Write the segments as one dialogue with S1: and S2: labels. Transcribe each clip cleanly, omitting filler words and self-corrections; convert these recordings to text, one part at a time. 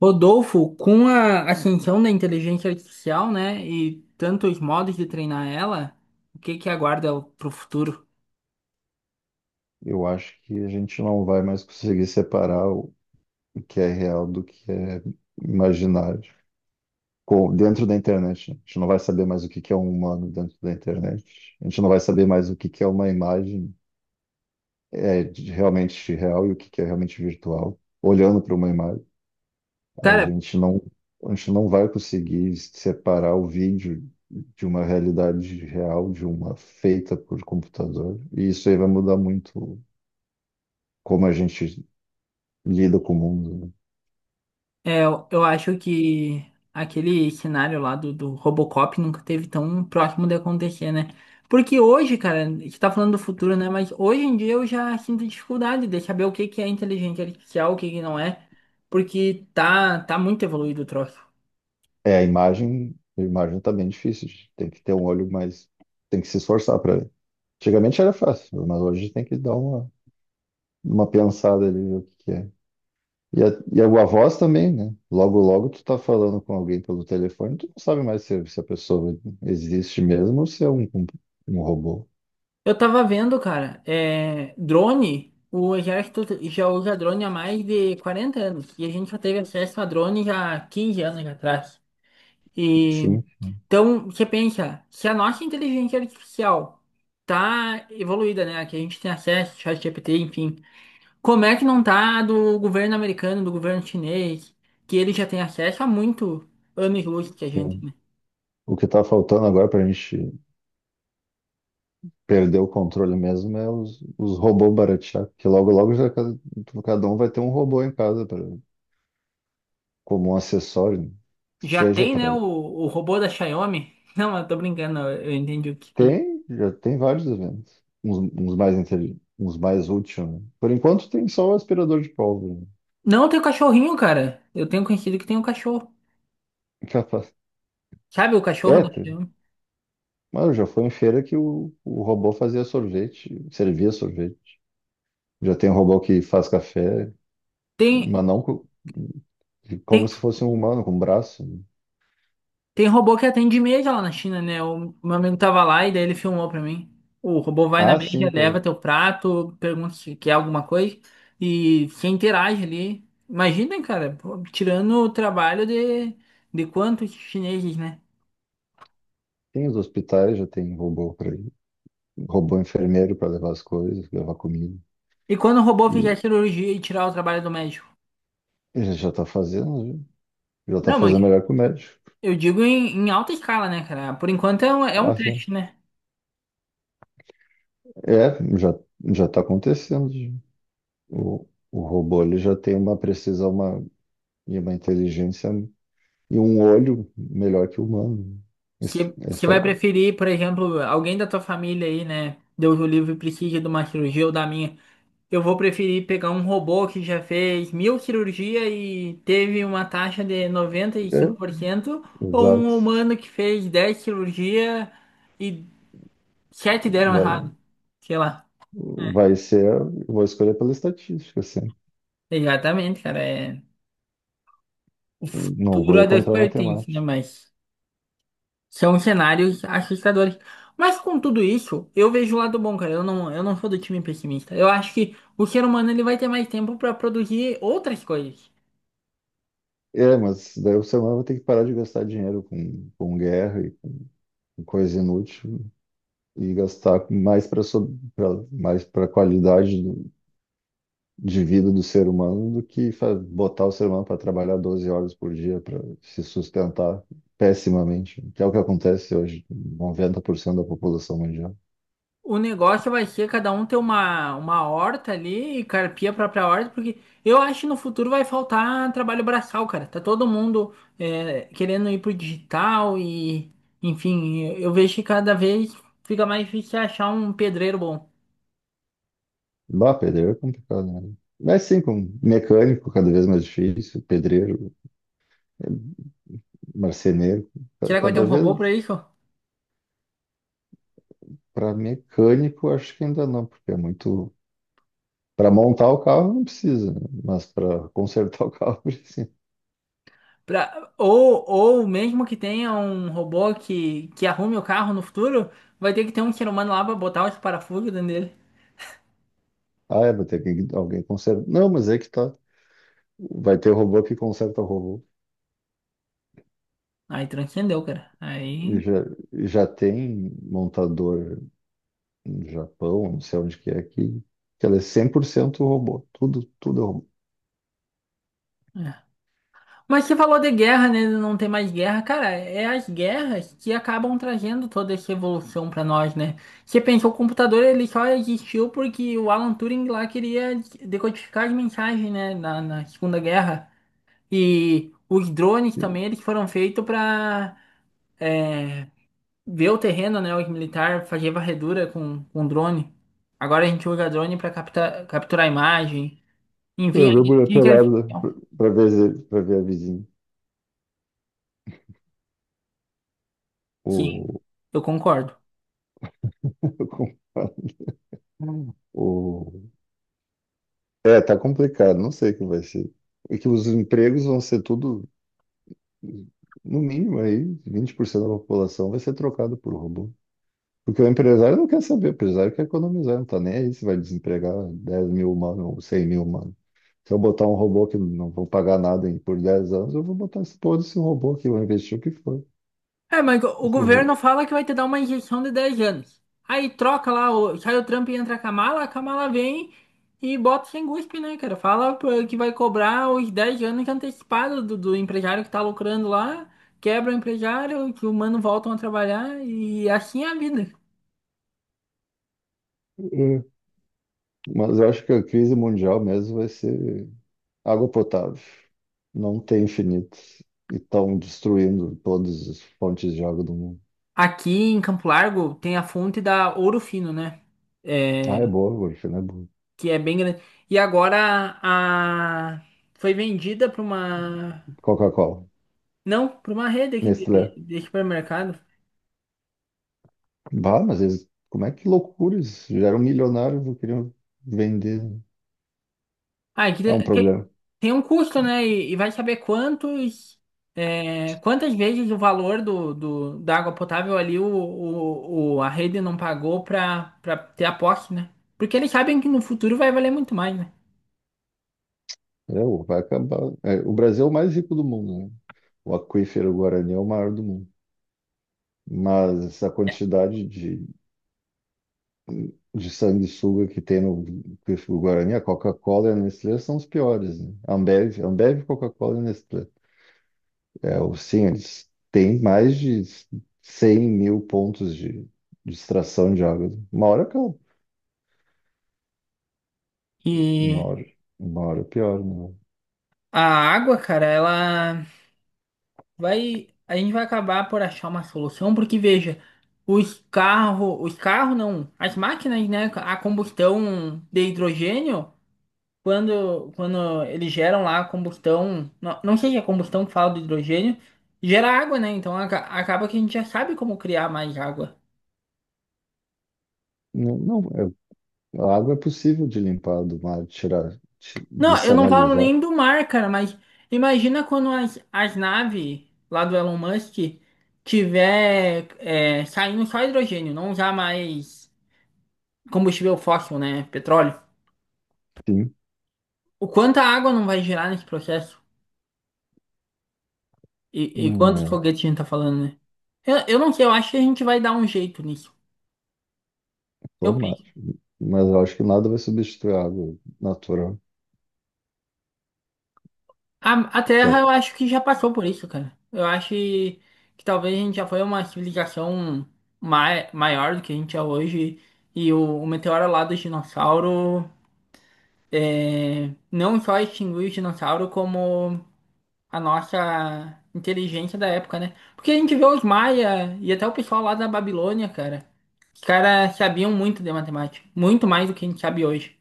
S1: Rodolfo, com a ascensão da inteligência artificial, né, e tantos modos de treinar ela, o que que aguarda pro futuro?
S2: Eu acho que a gente não vai mais conseguir separar o que é real do que é imaginário. Dentro da internet, né? A gente não vai saber mais o que que é um humano dentro da internet. A gente não vai saber mais o que que é uma imagem realmente real e o que que é realmente virtual. Olhando para uma imagem, a
S1: Cara,
S2: gente não, a gente não vai conseguir separar o vídeo de uma realidade real, de uma feita por computador. E isso aí vai mudar muito como a gente lida com o mundo, né?
S1: eu acho que aquele cenário lá do Robocop nunca teve tão próximo de acontecer, né? Porque hoje, cara, a gente tá falando do futuro, né, mas hoje em dia eu já sinto dificuldade de saber o que que é inteligência artificial, o que que não é, porque tá muito evoluído o troço.
S2: É, a imagem tá bem difícil, gente. Tem que ter um olho mais. Tem que se esforçar para ver. Antigamente era fácil, mas hoje tem que dar uma pensada ali, ver o que que é. E a, e a voz também, né? Logo, logo tu tá falando com alguém pelo telefone, tu não sabe mais se a pessoa existe mesmo ou se é um robô.
S1: Eu tava vendo, cara, drone, o exército já usa drone há mais de 40 anos, e a gente já teve acesso a drone já há 15 anos atrás. E,
S2: Sim,
S1: então, você pensa, se a nossa inteligência artificial tá evoluída, né, que a gente tem acesso, ChatGPT, enfim, como é que não tá a do governo americano, do governo chinês, que ele já tem acesso há muito anos-luz que a gente,
S2: sim.
S1: né?
S2: O que tá faltando agora pra gente perder o controle mesmo é os robôs baratear, porque logo, logo já cada um vai ter um robô em casa como um acessório,
S1: Já
S2: seja
S1: tem, né, o,
S2: para.
S1: o robô da Xiaomi? Não, eu tô brincando, eu entendi o que...
S2: Tem, já tem vários eventos. Uns mais intelig... uns mais úteis, né? Por enquanto tem só o aspirador de pólvora, né?
S1: Não, tem o cachorrinho, cara. Eu tenho conhecido que tem um cachorro.
S2: Capaz.
S1: Sabe o cachorro
S2: É,
S1: do
S2: tem.
S1: filme?
S2: Mano, já foi em feira que o robô fazia sorvete, servia sorvete. Já tem um robô que faz café,
S1: Tem,
S2: mas como
S1: tem,
S2: se fosse um humano, com um braço, né?
S1: tem robô que atende média lá na China, né? O meu amigo tava lá e daí ele filmou pra mim. O robô vai na
S2: Ah,
S1: média,
S2: sim, tá.
S1: leva teu prato, pergunta se quer alguma coisa e se interage ali. Imagina, cara, pô, tirando o trabalho de quantos chineses, né?
S2: Tem os hospitais, já tem robô para ir. Robô enfermeiro para levar as coisas, levar comida.
S1: E quando o robô
S2: E
S1: fizer cirurgia e tirar o trabalho do médico?
S2: ele já está fazendo, né? Ele está a
S1: Não, mas
S2: fazer melhor que o médico.
S1: eu digo em alta escala, né, cara? Por enquanto é um
S2: Ah, sim.
S1: teste, né?
S2: Já já está acontecendo. O robô ele já tem uma precisão, e uma inteligência e um olho melhor que o humano.
S1: Que, que vai
S2: Esta,
S1: preferir, por exemplo, alguém da tua família aí, né? Deus o livre precisa de uma cirurgia ou da minha. Eu vou preferir pegar um robô que já fez 1.000 cirurgias e teve uma taxa de noventa e
S2: é,
S1: cinco por cento ou
S2: exato.
S1: um humano que fez 10 cirurgias e 7 deram
S2: Vai,
S1: errado. Sei lá.
S2: vai ser, eu vou escolher pela estatística, assim.
S1: Exatamente, cara. É... O
S2: Não
S1: futuro
S2: vou ir
S1: é Deus
S2: contra a
S1: pertence, né?
S2: matemática.
S1: Mas. São cenários assustadores. Mas com tudo isso, eu vejo o lado bom, cara. Eu não sou do time pessimista. Eu acho que o ser humano ele vai ter mais tempo para produzir outras coisas.
S2: É, mas daí o ser humano vai ter que parar de gastar dinheiro com guerra e com coisa inútil e gastar mais para mais para qualidade de vida do ser humano do que botar o ser humano para trabalhar 12 horas por dia para se sustentar pessimamente, que é o que acontece hoje, com 90% da população mundial.
S1: O negócio vai ser cada um ter uma horta ali e carpir a própria horta, porque eu acho que no futuro vai faltar trabalho braçal, cara. Tá todo mundo querendo ir pro digital e, enfim, eu vejo que cada vez fica mais difícil achar um pedreiro bom.
S2: Bah, pedreiro é complicado, né? Mas sim, com mecânico cada vez mais difícil, pedreiro, marceneiro,
S1: Será que vai ter um
S2: cada
S1: robô para
S2: vez
S1: isso?
S2: para mecânico acho que ainda não, porque é muito para montar o carro não precisa, né? Mas para consertar o carro precisa.
S1: Ou mesmo que tenha um robô que arrume o carro no futuro, vai ter que ter um ser humano lá pra botar os parafusos dentro dele.
S2: Ah, é, vai ter que alguém consertar. Não, mas é que tá. Vai ter robô que conserta robô.
S1: Aí transcendeu, cara.
S2: E
S1: Aí.
S2: já, e já tem montador no Japão, não sei onde que é, que ela é 100% robô. Tudo, tudo é robô.
S1: É. Mas você falou de guerra, né? de Não tem mais guerra. Cara, é as guerras que acabam trazendo toda essa evolução pra nós, né? Você pensou, o computador ele só existiu porque o Alan Turing lá queria decodificar as mensagens, né? Na Segunda Guerra. E os drones também, eles foram feitos pra é, ver o terreno, né, o militar, fazer varredura com drone. Agora a gente usa drone para capturar imagem.
S2: Pra
S1: Enfim, a
S2: ver mulher
S1: inteligência
S2: pelada,
S1: artificial.
S2: pra ver a vizinha.
S1: Sim,
S2: O,
S1: eu concordo.
S2: o, é, tá complicado, não sei o que vai ser. E que os empregos vão ser tudo, no mínimo aí, 20% da população vai ser trocado por robô. Porque o empresário não quer saber, o empresário quer economizar, não tá nem aí se vai desempregar 10 mil humanos ou 100 mil humanos. Se eu botar um robô que não vou pagar nada por 10 anos, eu vou botar esse todo esse robô aqui, vou investir o que for.
S1: É, mas o
S2: Esse ro-
S1: governo fala que vai te dar uma injeção de 10 anos. Aí troca lá, sai o Trump e entra a Kamala, vem e bota sem guspe, né, cara? Fala pô, que vai cobrar os 10 anos antecipados do empresário que tá lucrando lá, quebra o empresário, que o mano voltam a trabalhar e assim é a vida.
S2: É. Mas eu acho que a crise mundial mesmo vai ser água potável. Não tem infinito. E estão destruindo todas as fontes de água do mundo.
S1: Aqui em Campo Largo tem a fonte da Ouro Fino, né? É,
S2: Ah, é boa, Wolf, né? Boa.
S1: que é bem grande. E agora a foi vendida para uma,
S2: Coca-Cola.
S1: não, para uma rede aqui de, de-
S2: Nestlé.
S1: de supermercado.
S2: Bah, mas eles, como é que loucura eles já eram milionários, não queriam vender.
S1: Ah, que
S2: É um
S1: tem, tem-
S2: problema.
S1: tem um custo, né? E vai saber quantas vezes o valor do, do da água potável ali a rede não pagou para ter a posse, né? Porque eles sabem que no futuro vai valer muito mais, né?
S2: Vai acabar. É, o Brasil é o mais rico do mundo, né? O aquífero Guarani é o maior do mundo. Mas essa
S1: É.
S2: quantidade de sanguessuga que tem no aquífero Guarani, a Coca-Cola e a Nestlé são os piores, né? Ambev, Ambev, Coca-Cola e Nestlé. Sim, eles têm mais de 100 mil pontos de extração de água. Uma hora acaba. Uma
S1: E
S2: hora, uma hora pior, né?
S1: a água, cara, a gente vai acabar por achar uma solução, porque veja, os carros não, as máquinas, né, a combustão de hidrogênio, quando eles geram lá a combustão, não sei se é combustão que fala do hidrogênio, gera água, né? Então acaba que a gente já sabe como criar mais água.
S2: Não, não, é- a água é possível de limpar do mar, de tirar,
S1: Não,
S2: de
S1: eu não falo
S2: sanalizar,
S1: nem do mar, cara, mas imagina quando as naves lá do Elon Musk tiver saindo só hidrogênio, não usar mais combustível fóssil, né? Petróleo.
S2: sim,
S1: O quanto a água não vai gerar nesse processo? E quantos
S2: É,
S1: foguetes a gente tá falando, né? Eu não sei, eu acho que a gente vai dar um jeito nisso. Eu
S2: normal.
S1: penso.
S2: Mas eu acho que nada vai substituir a água natural,
S1: A
S2: que
S1: Terra,
S2: é,
S1: eu acho que já passou por isso, cara. Eu acho que talvez a gente já foi uma civilização maior do que a gente é hoje. E o meteoro lá dos dinossauros não só extinguiu os dinossauros como a nossa inteligência da época, né? Porque a gente vê os maia e até o pessoal lá da Babilônia, cara. Os caras sabiam muito de matemática, muito mais do que a gente sabe hoje.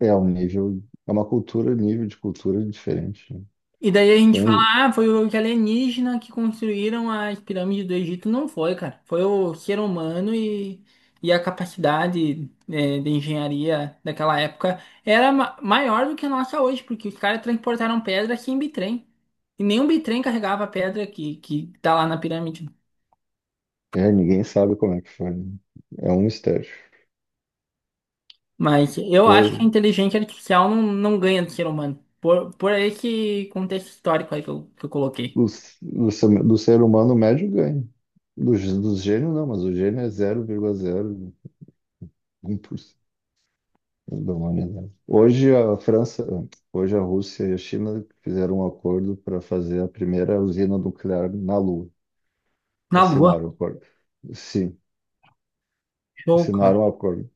S2: é um nível, é uma cultura, nível de cultura diferente, né?
S1: E daí a gente
S2: Tem, uns-
S1: fala, ah, foi os alienígenas que construíram as pirâmides do Egito. Não foi, cara. Foi o ser humano e a capacidade, de engenharia daquela época era maior do que a nossa hoje, porque os caras transportaram pedra sem bitrem. E nenhum bitrem carregava a pedra que tá lá na pirâmide.
S2: é, ninguém sabe como é que foi, né? É um mistério.
S1: Mas eu acho que a
S2: Hoje,
S1: inteligência artificial não ganha do ser humano. Por esse contexto histórico aí que eu coloquei.
S2: do, ser do ser humano médio ganha. Dos gênios não, mas o gênio é um 0,01% da humanidade. Hoje a França, hoje a Rússia e a China fizeram um acordo para fazer a primeira usina nuclear na Lua.
S1: Na Lua,
S2: Assinaram o acordo. Sim,
S1: show,
S2: assinaram
S1: cara.
S2: o acordo.